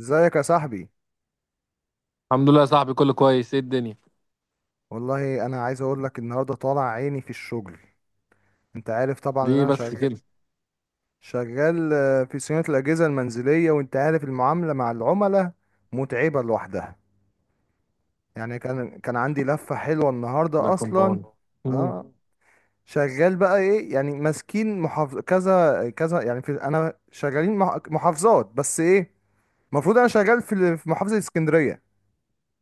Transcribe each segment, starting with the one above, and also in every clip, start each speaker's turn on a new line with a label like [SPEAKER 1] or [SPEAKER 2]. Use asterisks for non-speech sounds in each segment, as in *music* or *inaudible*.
[SPEAKER 1] ازيك يا صاحبي؟
[SPEAKER 2] الحمد لله يا صاحبي، كله كويس. ايه الدنيا
[SPEAKER 1] والله انا عايز اقول لك، النهارده طالع عيني في الشغل. انت عارف طبعا ان
[SPEAKER 2] دي
[SPEAKER 1] انا
[SPEAKER 2] بس
[SPEAKER 1] شغال
[SPEAKER 2] كده؟
[SPEAKER 1] شغال في صيانه الاجهزه المنزليه، وانت عارف المعامله مع العملاء متعبه لوحدها. يعني كان عندي لفه حلوه
[SPEAKER 2] ده
[SPEAKER 1] النهارده اصلا.
[SPEAKER 2] كومباوند. امم
[SPEAKER 1] اه، شغال بقى ايه، يعني ماسكين محافظ كذا كذا. يعني في، انا شغالين محافظات، بس ايه، المفروض انا شغال في محافظه اسكندريه،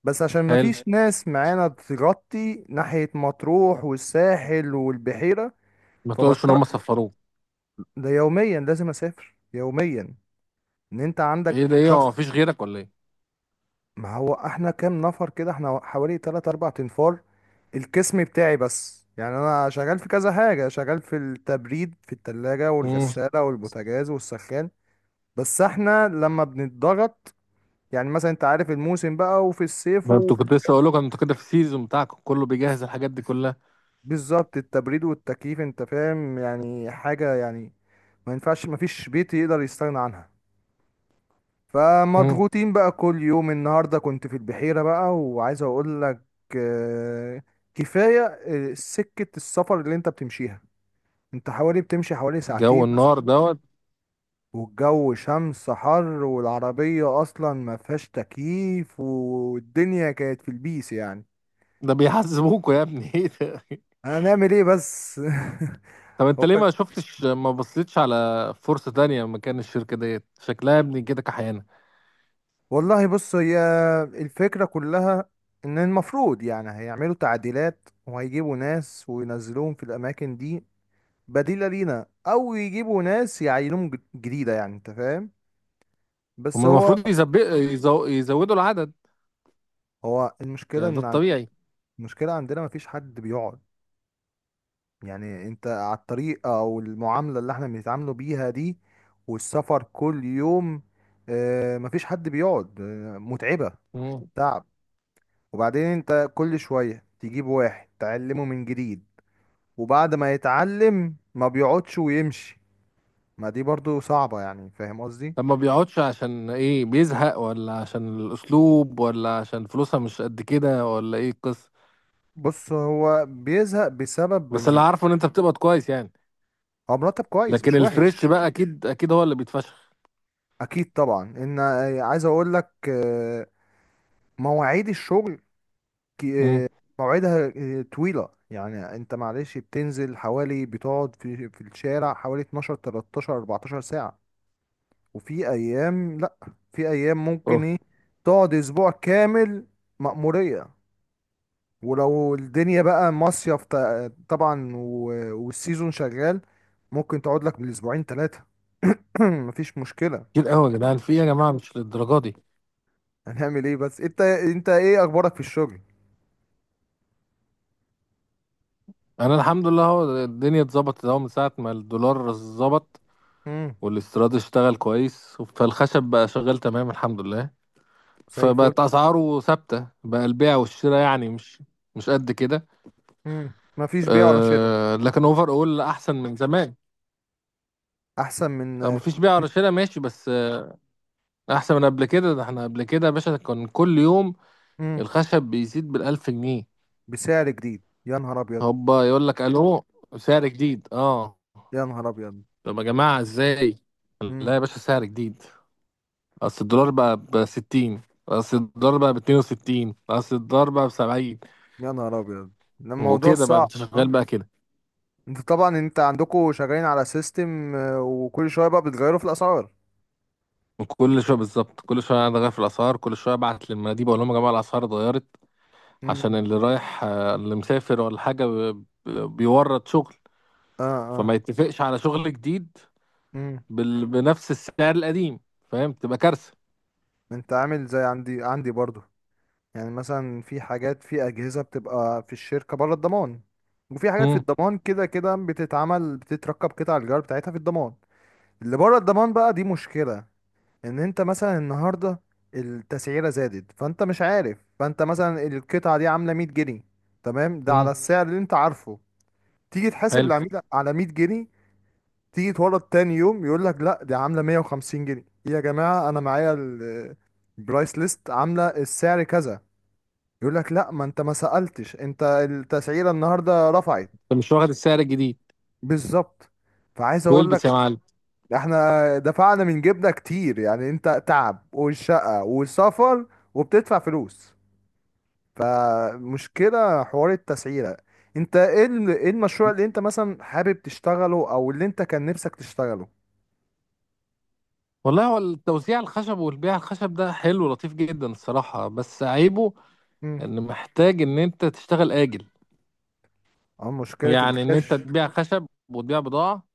[SPEAKER 1] بس عشان
[SPEAKER 2] حلو.
[SPEAKER 1] مفيش ناس معانا تغطي ناحية مطروح والساحل والبحيرة.
[SPEAKER 2] ما تقولش ان هم
[SPEAKER 1] فبضطر،
[SPEAKER 2] صفروه.
[SPEAKER 1] ده يوميا لازم اسافر يوميا. ان انت عندك
[SPEAKER 2] ايه ده؟ ايه هو
[SPEAKER 1] ضغط.
[SPEAKER 2] مفيش غيرك ولا ايه؟
[SPEAKER 1] ما هو احنا كام نفر كده؟ احنا حوالي 3 4 انفار القسم بتاعي بس. يعني انا شغال في كذا حاجة، شغال في التبريد، في التلاجة
[SPEAKER 2] امم
[SPEAKER 1] والغسالة والبوتاجاز والسخان. بس احنا لما بنتضغط، يعني مثلا انت عارف الموسم بقى وفي الصيف،
[SPEAKER 2] ده انتوا، كنت لسه اقول لكم انتوا كده في السيزون بتاعكم كله بيجهز الحاجات دي كلها.
[SPEAKER 1] بالظبط التبريد والتكييف، انت فاهم يعني حاجة يعني، ما ينفعش، ما فيش بيت يقدر يستغنى عنها.
[SPEAKER 2] امم
[SPEAKER 1] فمضغوطين بقى كل يوم. النهاردة كنت في البحيرة بقى، وعايز اقول لك آه، كفاية. سكة السفر اللي انت بتمشيها، انت حوالي بتمشي حوالي
[SPEAKER 2] الجو
[SPEAKER 1] ساعتين مثلا،
[SPEAKER 2] النار دوت.
[SPEAKER 1] والجو شمس حر، والعربية اصلا ما فيهاش تكييف، والدنيا كانت في البيس يعني.
[SPEAKER 2] ده بيحزبوكوا يا ابني *laughs* ايه ده؟
[SPEAKER 1] هنعمل ايه بس؟ *laughs*
[SPEAKER 2] طب
[SPEAKER 1] هو
[SPEAKER 2] انت ليه ما شفتش، ما بصيتش على فرصة تانية؟ مكان الشركة ديت شكلها يا ابني كده كحيانة.
[SPEAKER 1] والله بص، هي الفكرة كلها ان المفروض يعني هيعملوا تعديلات وهيجيبوا ناس وينزلوهم في الاماكن دي بديلة لينا، او يجيبوا ناس يعينوهم جديدة، يعني انت فاهم. بس
[SPEAKER 2] هم
[SPEAKER 1] هو،
[SPEAKER 2] المفروض يزودوا العدد،
[SPEAKER 1] هو المشكلة
[SPEAKER 2] يعني ده
[SPEAKER 1] ان
[SPEAKER 2] الطبيعي.
[SPEAKER 1] المشكلة عندنا مفيش حد بيقعد. يعني انت على الطريقة او المعاملة اللي احنا بنتعاملوا بيها دي، والسفر كل يوم، مفيش حد بيقعد، متعبة،
[SPEAKER 2] مم.
[SPEAKER 1] تعب. وبعدين انت كل شوية تجيب واحد تعلمه من جديد، وبعد ما يتعلم ما بيقعدش ويمشي. ما دي برضو صعبة، يعني فاهم قصدي.
[SPEAKER 2] طب ما بيقعدش عشان ايه؟ بيزهق، ولا عشان الاسلوب، ولا عشان فلوسها مش قد كده، ولا ايه القصه؟
[SPEAKER 1] بص، هو بيزهق بسبب
[SPEAKER 2] بس اللي
[SPEAKER 1] إن-
[SPEAKER 2] عارفه ان انت بتقبض كويس يعني.
[SPEAKER 1] هو مرتب كويس
[SPEAKER 2] لكن
[SPEAKER 1] مش وحش.
[SPEAKER 2] الفريش بقى اكيد هو اللي بيتفشخ.
[SPEAKER 1] اكيد طبعا، ان عايز اقول لك مواعيد الشغل
[SPEAKER 2] امم
[SPEAKER 1] كي- آه، مواعيدها طويلة. يعني انت معلش بتنزل حوالي، بتقعد في الشارع حوالي 12 13 14 ساعة. وفي ايام لا، في ايام ممكن
[SPEAKER 2] اه
[SPEAKER 1] ايه تقعد اسبوع كامل، مأمورية. ولو الدنيا بقى مصيف طبعا، والسيزون شغال، ممكن تقعد لك بالاسبوعين ثلاثة. *coughs* *clears throat* مفيش مشكلة.
[SPEAKER 2] كتير قوي يا جدعان، في إيه يا جماعه؟ مش للدرجه دي.
[SPEAKER 1] هنعمل ايه بس؟ انت، انت ايه اخبارك في الشغل؟
[SPEAKER 2] انا الحمد لله، هو الدنيا اتظبطت اهو من ساعه ما الدولار اتظبط
[SPEAKER 1] امم.
[SPEAKER 2] والاستيراد اشتغل كويس، فالخشب بقى شغال تمام الحمد لله.
[SPEAKER 1] زي الفل.
[SPEAKER 2] فبقت اسعاره ثابته، بقى البيع والشراء يعني مش قد كده.
[SPEAKER 1] امم. مفيش بيع ولا شراء.
[SPEAKER 2] أه، لكن اوفر اول، احسن من زمان.
[SPEAKER 1] احسن من.
[SPEAKER 2] اه مفيش بيع رشاشة، ماشي، بس احسن من قبل كده. ده احنا قبل كده يا باشا كان كل يوم
[SPEAKER 1] امم.
[SPEAKER 2] الخشب بيزيد بالألف جنيه.
[SPEAKER 1] بسعر جديد، يا نهار ابيض.
[SPEAKER 2] هوبا يقول لك الو، سعر جديد. اه
[SPEAKER 1] يا نهار ابيض.
[SPEAKER 2] طب يا جماعة ازاي؟ لا
[SPEAKER 1] امم.
[SPEAKER 2] يا باشا، سعر جديد. اصل الدولار بقى ب 60، اصل الدولار بقى ب 62، اصل الدولار بقى ب 70.
[SPEAKER 1] يا نهار ابيض. ده الموضوع
[SPEAKER 2] وكده بقى انت
[SPEAKER 1] صعب
[SPEAKER 2] شغال
[SPEAKER 1] اه.
[SPEAKER 2] بقى كده.
[SPEAKER 1] انت طبعا انت عندكم شغالين على سيستم، وكل شوية بقى بتغيروا في الاسعار.
[SPEAKER 2] كل شويه بالظبط، كل شويه انا غير في الاسعار، كل شويه ابعت للمناديب اقول لهم يا جماعه الاسعار اتغيرت، عشان
[SPEAKER 1] امم.
[SPEAKER 2] اللي رايح اللي مسافر ولا حاجه بيورط شغل،
[SPEAKER 1] اه.
[SPEAKER 2] فما يتفقش على شغل جديد
[SPEAKER 1] اه.
[SPEAKER 2] بنفس السعر القديم. فاهم؟ تبقى كارثه.
[SPEAKER 1] انت عامل زي عندي برضو. يعني مثلا في حاجات، في اجهزه بتبقى في الشركه بره الضمان، وفي حاجات في
[SPEAKER 2] امم.
[SPEAKER 1] الضمان، كده كده بتتعمل، بتتركب قطع الغيار بتاعتها في الضمان. اللي بره الضمان بقى دي مشكله، ان انت مثلا النهارده التسعيره زادت، فانت مش عارف. فانت مثلا القطعه دي عامله 100 جنيه، تمام، ده على
[SPEAKER 2] امم.
[SPEAKER 1] السعر اللي انت عارفه. تيجي تحاسب
[SPEAKER 2] حلو.
[SPEAKER 1] العميل على 100 جنيه، تيجي تورد تاني يوم، يقول لك لا دي عامله 150 جنيه. إيه يا جماعه؟ انا معايا البرايس ليست عامله السعر كذا. يقول لك لا، ما انت ما سألتش، انت التسعيرة النهاردة رفعت.
[SPEAKER 2] انت مش واخد السعر الجديد؟
[SPEAKER 1] بالظبط. فعايز اقول
[SPEAKER 2] والبس يا
[SPEAKER 1] لك
[SPEAKER 2] معلم.
[SPEAKER 1] احنا دفعنا من جيبنا كتير. يعني انت تعب، والشقة، والسفر، وبتدفع فلوس. فمشكلة حوار التسعيرة. انت ايه، ايه المشروع اللي انت مثلا حابب تشتغله او اللي انت كان نفسك تشتغله؟
[SPEAKER 2] والله، هو التوزيع الخشب والبيع الخشب ده حلو لطيف جدا الصراحه، بس عيبه
[SPEAKER 1] امم.
[SPEAKER 2] ان محتاج ان انت تشتغل اجل.
[SPEAKER 1] اه، مشكلة
[SPEAKER 2] يعني ان انت
[SPEAKER 1] الكاش.
[SPEAKER 2] تبيع خشب وتبيع بضاعه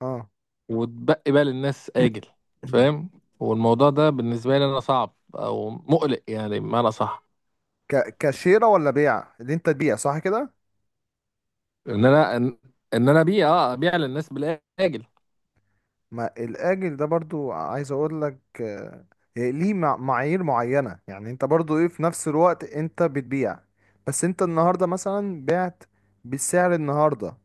[SPEAKER 1] اه.
[SPEAKER 2] وتبقي بقى للناس اجل،
[SPEAKER 1] *clears throat*
[SPEAKER 2] فاهم؟ والموضوع ده بالنسبه لي انا صعب او مقلق يعني، بمعنى صح،
[SPEAKER 1] كاشيرة ولا بيع، اللي انت تبيع صح كده.
[SPEAKER 2] ان انا ان إن انا ابيع للناس بالاجل.
[SPEAKER 1] ما الاجل ده برضو، عايز اقول لك ليه معايير معينة. يعني انت برضو ايه، في نفس الوقت انت بتبيع، بس انت النهاردة مثلا بعت بالسعر النهاردة،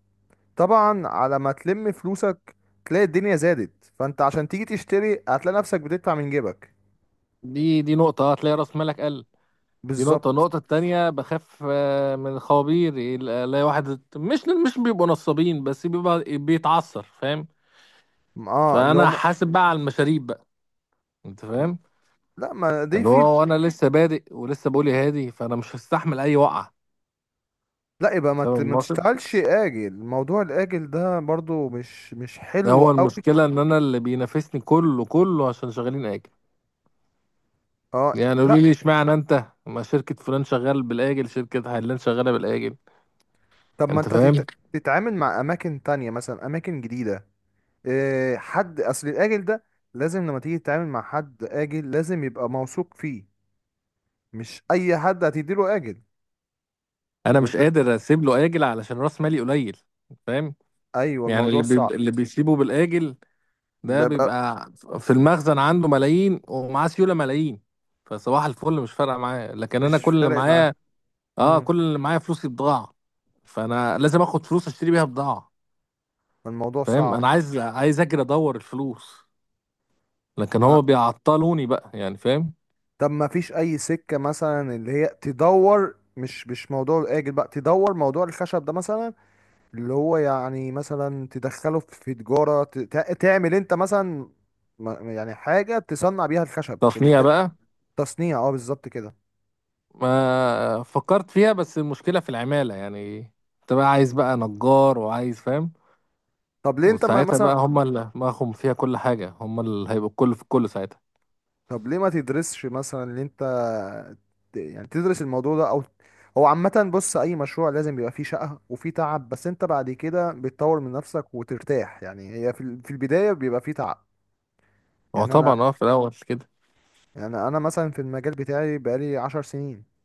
[SPEAKER 1] طبعا على ما تلم فلوسك تلاقي الدنيا زادت، فانت عشان تيجي تشتري هتلاقي نفسك بتدفع من جيبك.
[SPEAKER 2] دي نقطة، هتلاقي رأس مالك قل. دي نقطة.
[SPEAKER 1] بالظبط.
[SPEAKER 2] النقطة التانية بخاف من الخوابير. الاقي واحد مش بيبقوا نصابين بس بيبقى بيتعثر، فاهم؟
[SPEAKER 1] اه اللي هو
[SPEAKER 2] فأنا
[SPEAKER 1] لا.
[SPEAKER 2] حاسب بقى على المشاريب بقى. أنت
[SPEAKER 1] م-
[SPEAKER 2] فاهم؟
[SPEAKER 1] لا، ما دي
[SPEAKER 2] اللي
[SPEAKER 1] في.
[SPEAKER 2] هو أنا لسه بادئ ولسه بقولي هادي، فأنا مش هستحمل أي وقعة.
[SPEAKER 1] لا، يبقى ما
[SPEAKER 2] فاهم
[SPEAKER 1] ما
[SPEAKER 2] المقصد؟
[SPEAKER 1] تشتغلش اجل. موضوع الاجل ده برضو مش مش حلو
[SPEAKER 2] هو
[SPEAKER 1] قوي.
[SPEAKER 2] المشكلة إن أنا اللي بينافسني كله عشان شغالين آجل.
[SPEAKER 1] اه،
[SPEAKER 2] يعني
[SPEAKER 1] لا.
[SPEAKER 2] قولي لي اشمعنى أنت، ما شركة فلان شغال بالآجل، شركة علان شغالة بالآجل.
[SPEAKER 1] طب ما
[SPEAKER 2] أنت
[SPEAKER 1] انت
[SPEAKER 2] فاهم؟
[SPEAKER 1] تتعامل مع اماكن تانية، مثلا اماكن جديدة. إيه، حد اصل الاجل ده لازم لما تيجي تتعامل مع حد اجل لازم يبقى موثوق فيه، مش اي حد هتديله اجل.
[SPEAKER 2] انا
[SPEAKER 1] و...
[SPEAKER 2] مش قادر اسيب له اجل علشان راس مالي قليل، فاهم؟
[SPEAKER 1] ايوه،
[SPEAKER 2] يعني
[SPEAKER 1] الموضوع صعب.
[SPEAKER 2] اللي بيسيبه بالاجل ده
[SPEAKER 1] بيبقى
[SPEAKER 2] بيبقى في المخزن عنده ملايين ومعاه سيوله ملايين، فصباح الفل مش فارقه معايا. لكن انا
[SPEAKER 1] مش
[SPEAKER 2] كل اللي
[SPEAKER 1] فارق معاه.
[SPEAKER 2] معايا، اه،
[SPEAKER 1] امم.
[SPEAKER 2] كل اللي معايا فلوسي بضاعه، فانا لازم اخد فلوس اشتري بيها بضاعه،
[SPEAKER 1] الموضوع
[SPEAKER 2] فاهم؟
[SPEAKER 1] صعب.
[SPEAKER 2] انا عايز اجري ادور الفلوس، لكن
[SPEAKER 1] آه،
[SPEAKER 2] هو بيعطلوني بقى يعني، فاهم؟
[SPEAKER 1] طب ما فيش اي سكة مثلا اللي هي تدور، مش مش موضوع الاجل بقى، تدور موضوع الخشب ده مثلا، اللي هو يعني مثلا تدخله في تجارة تعمل انت مثلا يعني حاجة تصنع بيها الخشب.
[SPEAKER 2] تصنيع بقى.
[SPEAKER 1] التصنيع اه، بالظبط كده.
[SPEAKER 2] ما فكرت فيها، بس المشكله في العماله يعني. انت بقى عايز بقى نجار وعايز، فاهم؟
[SPEAKER 1] طب ليه انت ما
[SPEAKER 2] وساعتها
[SPEAKER 1] مثلا،
[SPEAKER 2] بقى هم اللي معهم فيها كل حاجة، هم اللي هيبقوا الكل في الكل ساعتها.
[SPEAKER 1] طب ليه ما تدرسش مثلا اللي انت يعني تدرس الموضوع ده او. هو عامة، بص، اي مشروع لازم بيبقى فيه شقة وفيه تعب، بس انت بعد كده بتطور من نفسك وترتاح. يعني هي في البداية بيبقى فيه تعب.
[SPEAKER 2] هو
[SPEAKER 1] يعني انا،
[SPEAKER 2] طبعا اه في الأول كده.
[SPEAKER 1] يعني انا مثلا في المجال بتاعي بقالي 10 سنين.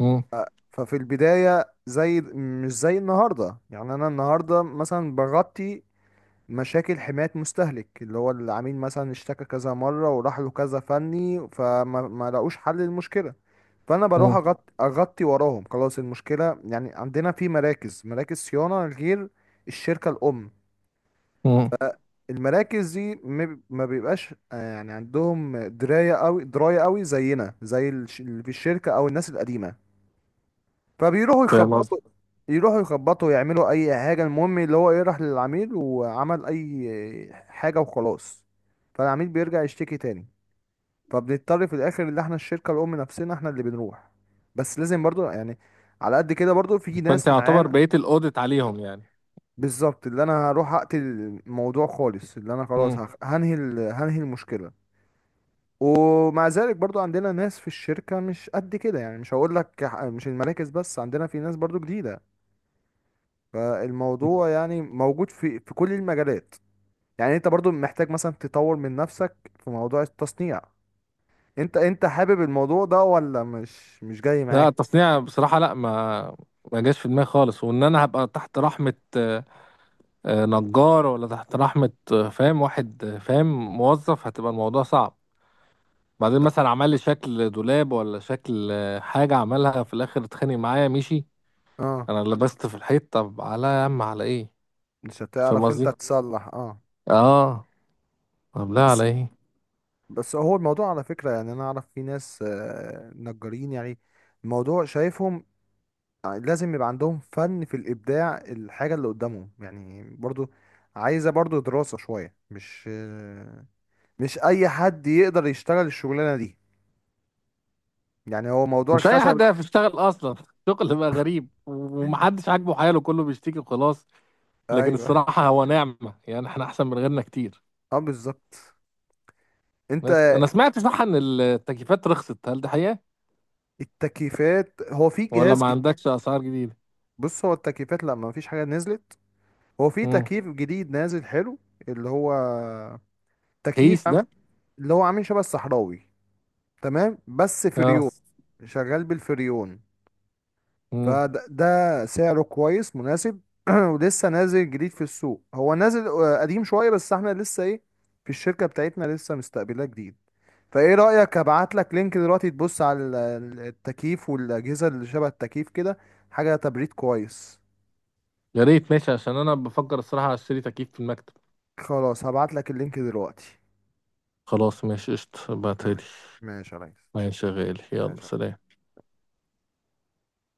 [SPEAKER 2] مم.
[SPEAKER 1] ففي البداية زي مش زي النهاردة. يعني أنا النهاردة مثلا بغطي مشاكل حماية مستهلك، اللي هو العميل مثلا اشتكى كذا مرة وراح له كذا فني فما ما لقوش حل للمشكلة. فأنا بروح
[SPEAKER 2] مم.
[SPEAKER 1] أغطي, وراهم، خلاص المشكلة. يعني عندنا في مراكز صيانة غير الشركة الأم.
[SPEAKER 2] مم.
[SPEAKER 1] المراكز دي ما بيبقاش يعني عندهم دراية أوي، دراية أوي زينا، زي اللي في الشركة أو الناس القديمة. فبيروحوا
[SPEAKER 2] فاهم قصدي؟
[SPEAKER 1] يخبطوا، يروحوا يخبطوا، يعملوا اي حاجه، المهم اللي هو ايه، راح للعميل وعمل اي حاجه وخلاص. فالعميل بيرجع يشتكي تاني. فبنضطر في الاخر اللي احنا الشركه الام نفسنا احنا اللي بنروح. بس لازم برضو يعني على قد كده برضو في
[SPEAKER 2] فأنت
[SPEAKER 1] ناس
[SPEAKER 2] يعتبر
[SPEAKER 1] معانا.
[SPEAKER 2] بقيت الأوديت عليهم يعني.
[SPEAKER 1] بالظبط، اللي انا هروح اقتل الموضوع خالص، اللي انا خلاص
[SPEAKER 2] مم.
[SPEAKER 1] هنهي المشكله. ومع ذلك برضو عندنا ناس في الشركه مش قد كده. يعني مش هقول لك مش المراكز بس، عندنا في ناس برضو جديده.
[SPEAKER 2] مم.
[SPEAKER 1] فالموضوع يعني موجود في كل المجالات. يعني انت برضو محتاج مثلا تطور من نفسك في موضوع التصنيع. انت، انت حابب الموضوع ده ولا مش مش جاي
[SPEAKER 2] لا
[SPEAKER 1] معاك؟
[SPEAKER 2] التصنيع بصراحة، لا ما ما جاش في دماغي خالص. وإن أنا هبقى تحت رحمة نجار، ولا تحت رحمة فاهم، واحد فاهم، موظف، هتبقى الموضوع صعب. بعدين مثلا عمل لي شكل دولاب ولا شكل حاجة، عملها في الآخر اتخانق معايا، مشي.
[SPEAKER 1] اه،
[SPEAKER 2] أنا لبست في الحيط، طب على يا عم على إيه؟
[SPEAKER 1] مش
[SPEAKER 2] فاهم
[SPEAKER 1] هتعرف انت
[SPEAKER 2] قصدي؟
[SPEAKER 1] تصلح. اه.
[SPEAKER 2] اه. طب لا،
[SPEAKER 1] بس،
[SPEAKER 2] على ايه؟
[SPEAKER 1] بس هو الموضوع على فكرة، يعني انا اعرف في ناس نجارين. يعني الموضوع شايفهم لازم يبقى عندهم فن في الابداع، الحاجة اللي قدامهم يعني برضو عايزة برضو دراسة شوية، مش مش اي حد يقدر يشتغل الشغلانة دي، يعني هو موضوع
[SPEAKER 2] مش اي
[SPEAKER 1] الخشب.
[SPEAKER 2] حد يعرف يشتغل اصلا *laughs* شغل بقى غريب
[SPEAKER 1] *laughs*
[SPEAKER 2] ومحدش عاجبه حاله، كله بيشتكي وخلاص. لكن
[SPEAKER 1] ايوه.
[SPEAKER 2] الصراحه هو نعمه يعني، احنا احسن من غيرنا كتير.
[SPEAKER 1] اه بالظبط. انت
[SPEAKER 2] بس انا سمعت صح ان التكييفات رخصت، هل ده حقيقه؟
[SPEAKER 1] التكييفات، هو في
[SPEAKER 2] ولا
[SPEAKER 1] جهاز
[SPEAKER 2] ما
[SPEAKER 1] جديد.
[SPEAKER 2] عندكش اسعار جديده؟
[SPEAKER 1] بص، هو التكييفات لا، ما فيش حاجه نزلت. هو في
[SPEAKER 2] امم.
[SPEAKER 1] تكييف جديد نازل حلو، اللي هو تكييف
[SPEAKER 2] هيس ده.
[SPEAKER 1] اللي هو عامل شبه الصحراوي، تمام، بس
[SPEAKER 2] اه.
[SPEAKER 1] فريون، شغال بالفريون.
[SPEAKER 2] امم.
[SPEAKER 1] فده ده سعره كويس مناسب. *clears throat* ولسه نازل جديد في السوق. هو نازل قديم شويه، بس احنا لسه ايه، في الشركه بتاعتنا لسه مستقبلاه جديد. فايه رأيك ابعت لك لينك دلوقتي تبص على التكييف والأجهزة اللي شبه التكييف كده، حاجة تبريد كويس.
[SPEAKER 2] يا ريت، ماشي، عشان انا بفكر الصراحه اشتري تكييف في المكتب.
[SPEAKER 1] خلاص هبعت لك اللينك دلوقتي.
[SPEAKER 2] خلاص، ماشي، قشطه، بعتلي.
[SPEAKER 1] ماشي. ماشي يا ريس.
[SPEAKER 2] ماشي يا غالي، يلا
[SPEAKER 1] ماشي.
[SPEAKER 2] سلام.